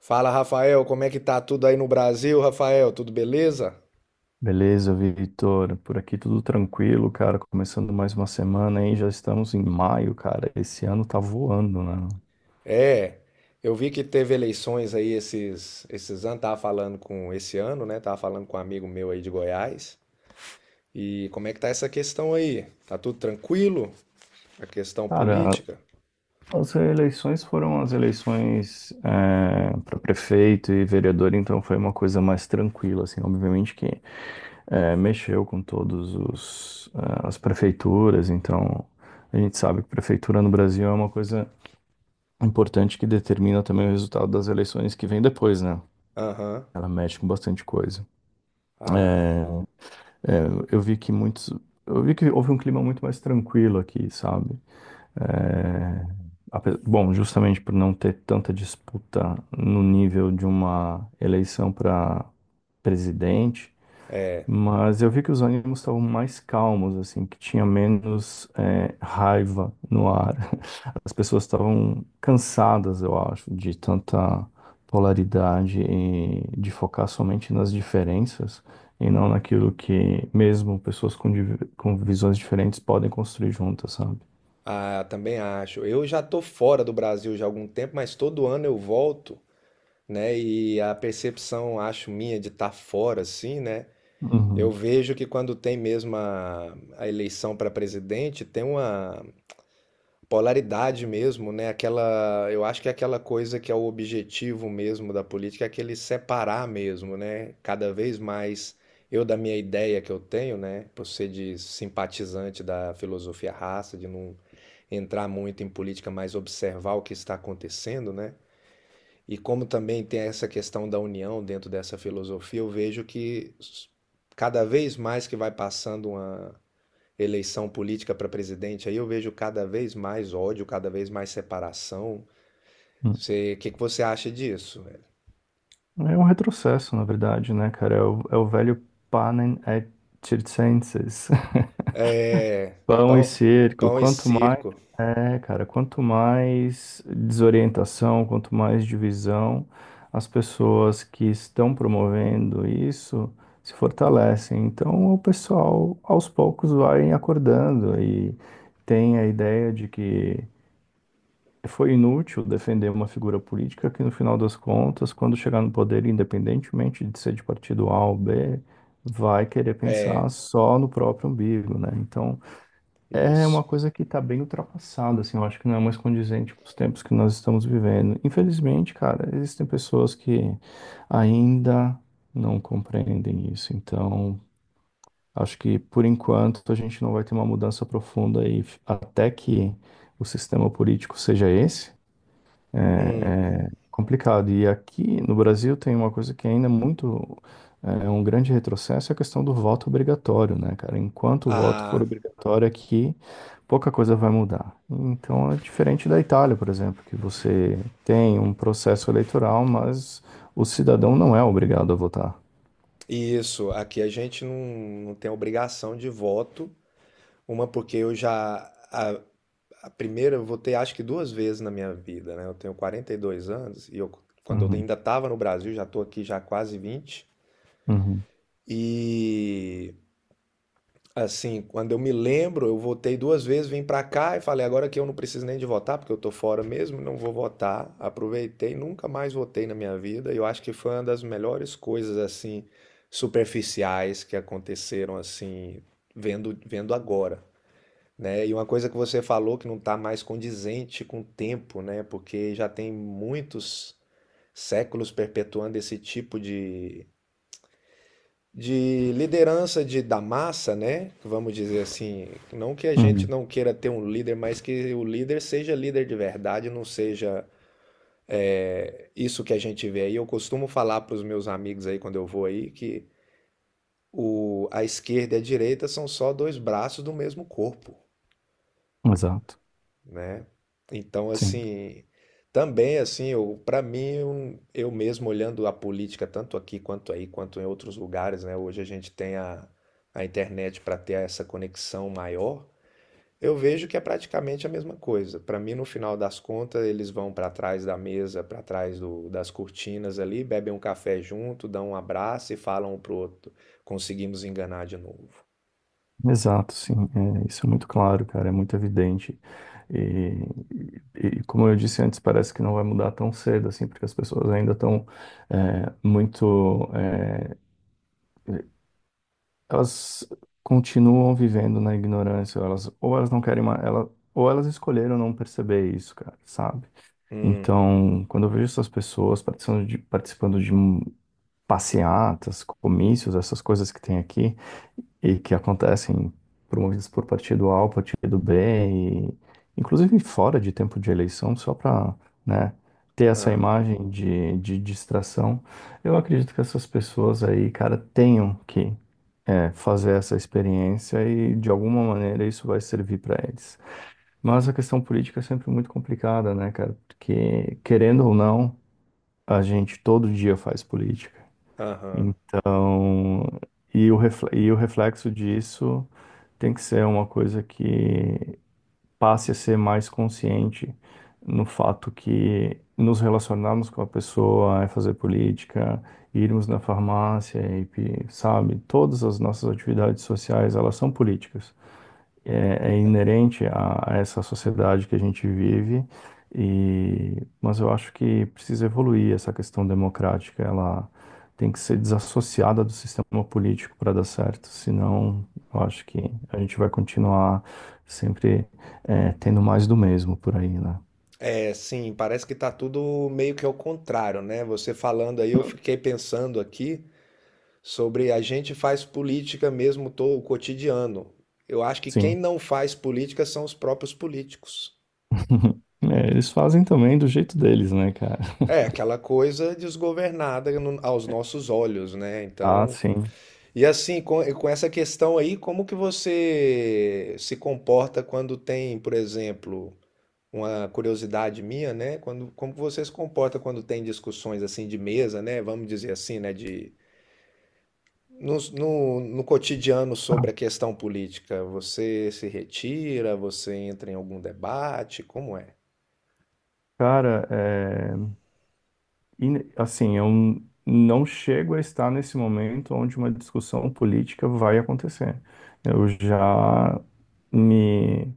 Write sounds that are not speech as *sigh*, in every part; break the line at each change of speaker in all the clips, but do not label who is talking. Fala, Rafael, como é que tá tudo aí no Brasil, Rafael? Tudo beleza?
Beleza, Vitor. Por aqui tudo tranquilo, cara. Começando mais uma semana, hein? Já estamos em maio, cara. Esse ano tá voando, né?
É, eu vi que teve eleições aí esses anos, tava falando com esse ano, né? Tava falando com um amigo meu aí de Goiás. E como é que tá essa questão aí? Tá tudo tranquilo? A questão
Cara,
política?
as eleições foram as eleições para prefeito e vereador, então foi uma coisa mais tranquila, assim. Obviamente que mexeu com todos os as prefeituras, então a gente sabe que prefeitura no Brasil é uma coisa importante que determina também o resultado das eleições que vem depois, né?
Aham.
Ela mexe com bastante coisa.
Ah,
É, eu vi que muitos. Eu vi que houve um clima muito mais tranquilo aqui, sabe? É, bom, justamente por não ter tanta disputa no nível de uma eleição para presidente,
é.
mas eu vi que os ânimos estavam mais calmos, assim, que tinha menos, raiva no ar. As pessoas estavam cansadas, eu acho, de tanta polaridade e de focar somente nas diferenças e não naquilo que mesmo pessoas com visões diferentes podem construir juntas, sabe?
Ah, também acho. Eu já tô fora do Brasil já há algum tempo, mas todo ano eu volto, né? E a percepção, acho minha, de estar fora, assim, né? Eu
Uhum.
vejo que quando tem mesmo a eleição para presidente, tem uma polaridade mesmo, né? Aquela, eu acho que é aquela coisa que é o objetivo mesmo da política, é aquele separar mesmo, né? Cada vez mais eu da minha ideia que eu tenho, né? Por ser de simpatizante da filosofia raça, de não entrar muito em política, mas observar o que está acontecendo, né? E como também tem essa questão da união dentro dessa filosofia, eu vejo que cada vez mais que vai passando uma eleição política para presidente, aí eu vejo cada vez mais ódio, cada vez mais separação.
Uhum.
O que que você acha disso, velho?
É um retrocesso, na verdade, né, cara? É o velho panem et circenses. *laughs*
É,
Pão e
pão,
cerco,
pão e
quanto mais,
circo.
cara, quanto mais desorientação, quanto mais divisão, as pessoas que estão promovendo isso se fortalecem. Então, o pessoal aos poucos vai acordando e tem a ideia de que foi inútil defender uma figura política que, no final das contas, quando chegar no poder, independentemente de ser de partido A ou B, vai querer
É,
pensar só no próprio umbigo, né? Então, é
isso.
uma coisa que tá bem ultrapassada, assim, eu acho que não é mais condizente com os tempos que nós estamos vivendo. Infelizmente, cara, existem pessoas que ainda não compreendem isso. Então, acho que por enquanto a gente não vai ter uma mudança profunda aí, até que o sistema político seja esse.
Hum,
Complicado. E aqui no Brasil tem uma coisa que ainda é muito é um grande retrocesso, é a questão do voto obrigatório, né, cara? Enquanto o voto for
ah,
obrigatório aqui, pouca coisa vai mudar. Então é diferente da Itália, por exemplo, que você tem um processo eleitoral, mas o cidadão não é obrigado a votar.
isso. Aqui a gente não tem obrigação de voto. Uma porque eu a- a primeira eu votei acho que duas vezes na minha vida, né? Eu tenho 42 anos e eu, quando eu
Uhum,
ainda estava no Brasil, já estou aqui já há quase vinte.
uhum,
E assim, quando eu me lembro, eu votei duas vezes, vim para cá e falei agora que eu não preciso nem de votar, porque eu tô fora mesmo, não vou votar. Aproveitei, nunca mais votei na minha vida. E eu acho que foi uma das melhores coisas assim superficiais que aconteceram assim vendo agora, né? E uma coisa que você falou que não está mais condizente com o tempo, né? Porque já tem muitos séculos perpetuando esse tipo de liderança da massa, né? Vamos dizer assim, não que a gente
uhum.
não queira ter um líder, mas que o líder seja líder de verdade, não seja é, isso que a gente vê aí. Eu costumo falar para os meus amigos aí quando eu vou aí que a esquerda e a direita são só dois braços do mesmo corpo,
Exato.
né? Então,
Sim.
assim, também assim, eu para mim, eu mesmo olhando a política tanto aqui quanto aí, quanto em outros lugares, né? Hoje a gente tem a internet para ter essa conexão maior. Eu vejo que é praticamente a mesma coisa. Para mim, no final das contas, eles vão para trás da mesa, para trás das cortinas ali, bebem um café junto, dão um abraço e falam um pro outro, conseguimos enganar de novo.
Exato, sim, é, isso é muito claro, cara, é muito evidente. E, e como eu disse antes, parece que não vai mudar tão cedo, assim, porque as pessoas ainda estão é, muito. é, elas continuam vivendo na ignorância, ou elas não querem mais, ela, ou elas escolheram não perceber isso, cara, sabe?
Hum,
Então, quando eu vejo essas pessoas participando de passeatas, comícios, essas coisas que tem aqui e que acontecem promovidas por partido A ou partido B, e, inclusive fora de tempo de eleição, só para, né, ter essa
ah,
imagem de distração. Eu acredito que essas pessoas aí, cara, tenham que fazer essa experiência e de alguma maneira isso vai servir para eles. Mas a questão política é sempre muito complicada, né, cara? Porque querendo ou não, a gente todo dia faz política.
aham.
Então, e o reflexo disso tem que ser uma coisa que passe a ser mais consciente no fato que nos relacionarmos com a pessoa é fazer política, irmos na farmácia, sabe, todas as nossas atividades sociais, elas são políticas é inerente a essa sociedade que a gente vive, e, mas eu acho que precisa evoluir essa questão democrática, ela tem que ser desassociada do sistema político para dar certo, senão eu acho que a gente vai continuar sempre tendo mais do mesmo por aí, né?
É, sim, parece que tá tudo meio que ao contrário, né? Você falando aí, eu
Hum.
fiquei pensando aqui sobre a gente faz política mesmo todo o cotidiano. Eu acho que quem
Sim.
não faz política são os próprios políticos.
*laughs* É, eles fazem também do jeito deles, né, cara?
É, aquela coisa desgovernada aos
*laughs*
nossos olhos, né?
Ah,
Então,
sim.
e assim, com essa questão aí, como que você se comporta quando tem, por exemplo, uma curiosidade minha, né? Quando, como você se comporta quando tem discussões assim de mesa, né? Vamos dizer assim, né? De, no cotidiano sobre a questão política, você se retira, você entra em algum debate, como é?
Cara, é, assim, eu não chego a estar nesse momento onde uma discussão política vai acontecer. Eu já me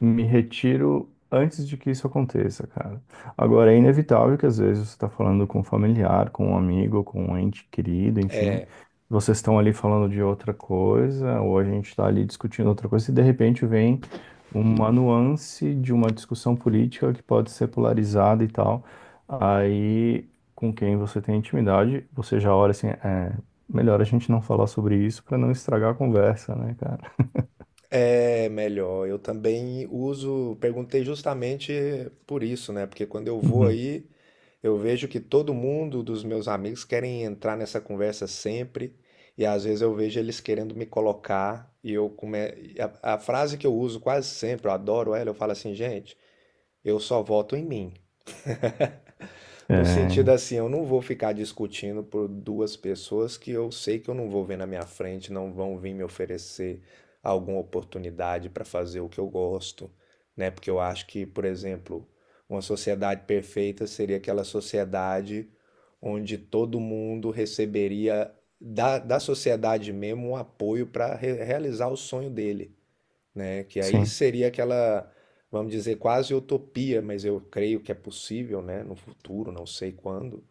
me retiro antes de que isso aconteça, cara. Agora, é inevitável que às vezes você está falando com um familiar, com um amigo, com um ente querido, enfim. Vocês estão ali falando de outra coisa, ou a gente está ali discutindo outra coisa, e de repente vem uma nuance de uma discussão política que pode ser polarizada e tal. Aí, com quem você tem intimidade, você já olha assim, melhor a gente não falar sobre isso para não estragar a conversa, né, cara?
É melhor, eu também uso, perguntei justamente por isso, né? Porque quando eu vou
Uhum.
aí, eu vejo que todo mundo dos meus amigos querem entrar nessa conversa sempre, e às vezes eu vejo eles querendo me colocar, e eu come... e a frase que eu uso quase sempre, eu adoro ela, eu falo assim, gente, eu só voto em mim. No sentido
É,
assim, eu não vou ficar discutindo por duas pessoas que eu sei que eu não vou ver na minha frente, não vão vir me oferecer alguma oportunidade para fazer o que eu gosto, né? Porque eu acho que, por exemplo, uma sociedade perfeita seria aquela sociedade onde todo mundo receberia da sociedade mesmo um apoio para realizar o sonho dele, né? Que aí
sim.
seria aquela, vamos dizer, quase utopia, mas eu creio que é possível, né? No futuro, não sei quando,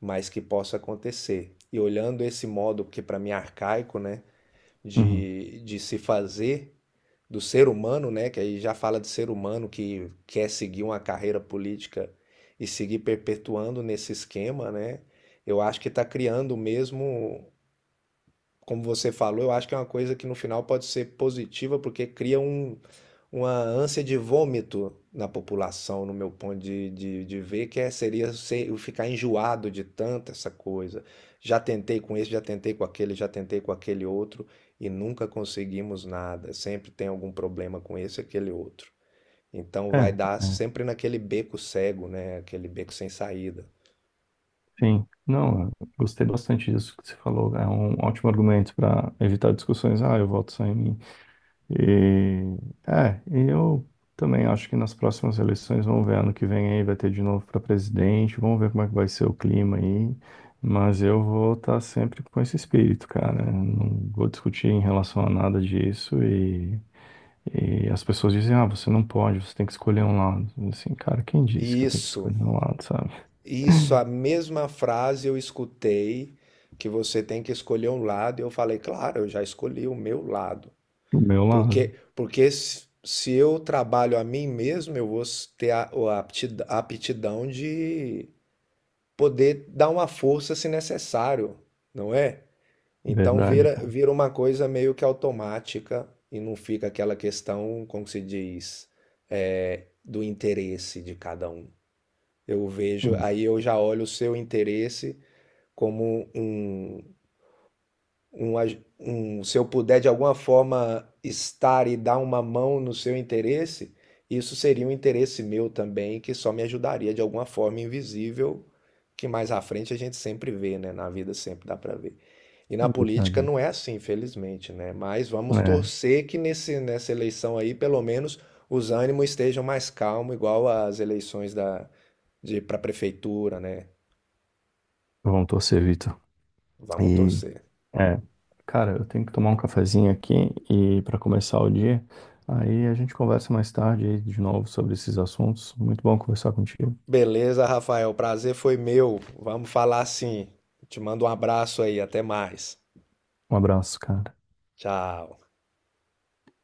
mas que possa acontecer. E olhando esse modo, que para mim é arcaico, né?
Uhum.
De se fazer do ser humano, né? Que aí já fala de ser humano que quer seguir uma carreira política e seguir perpetuando nesse esquema, né? Eu acho que está criando mesmo, como você falou, eu acho que é uma coisa que no final pode ser positiva, porque cria um, uma ânsia de vômito na população, no meu ponto de ver, que é, seria ser, eu ficar enjoado de tanta essa coisa. Já tentei com esse, já tentei com aquele, já tentei com aquele outro, e nunca conseguimos nada. Sempre tem algum problema com esse e aquele outro. Então
É,
vai dar
é,
sempre naquele beco cego, né? Aquele beco sem saída.
sim. Não, eu gostei bastante disso que você falou. É um ótimo argumento para evitar discussões. Ah, eu voto só em mim. E, e eu também acho que nas próximas eleições, vamos ver, ano que vem aí vai ter de novo para presidente, vamos ver como é que vai ser o clima aí. Mas eu vou estar sempre com esse espírito, cara. Eu não vou discutir em relação a nada disso e. E as pessoas dizem, ah, você não pode, você tem que escolher um lado. Assim, cara, quem disse
E
que eu tenho que
isso.
escolher um lado, sabe?
Isso, a mesma frase eu escutei que você tem que escolher um lado, e eu falei, claro, eu já escolhi o meu lado.
O meu lado.
Porque, porque se eu trabalho a mim mesmo, eu vou ter o a aptidão de poder dar uma força se necessário, não é? Então
Verdade, cara.
vira uma coisa meio que automática e não fica aquela questão, como se diz, é, do interesse de cada um. Eu vejo,
Hum,
aí eu já olho o seu interesse como um, se eu puder de alguma forma estar e dar uma mão no seu interesse, isso seria um interesse meu também, que só me ajudaria de alguma forma invisível, que mais à frente a gente sempre vê, né? Na vida sempre dá para ver. E
é
na
verdade,
política não
Vitor.
é assim, infelizmente, né? Mas vamos
É,
torcer que nesse, nessa eleição aí, pelo menos, os ânimos estejam mais calmos, igual às eleições de para prefeitura, né?
vamos torcer, Vitor.
Vamos
E,
torcer.
é, cara, eu tenho que tomar um cafezinho aqui e para começar o dia. Aí a gente conversa mais tarde aí de novo sobre esses assuntos. Muito bom conversar contigo.
Beleza, Rafael. Prazer foi meu. Vamos falar assim. Te mando um abraço aí. Até mais.
Um abraço, cara.
Tchau.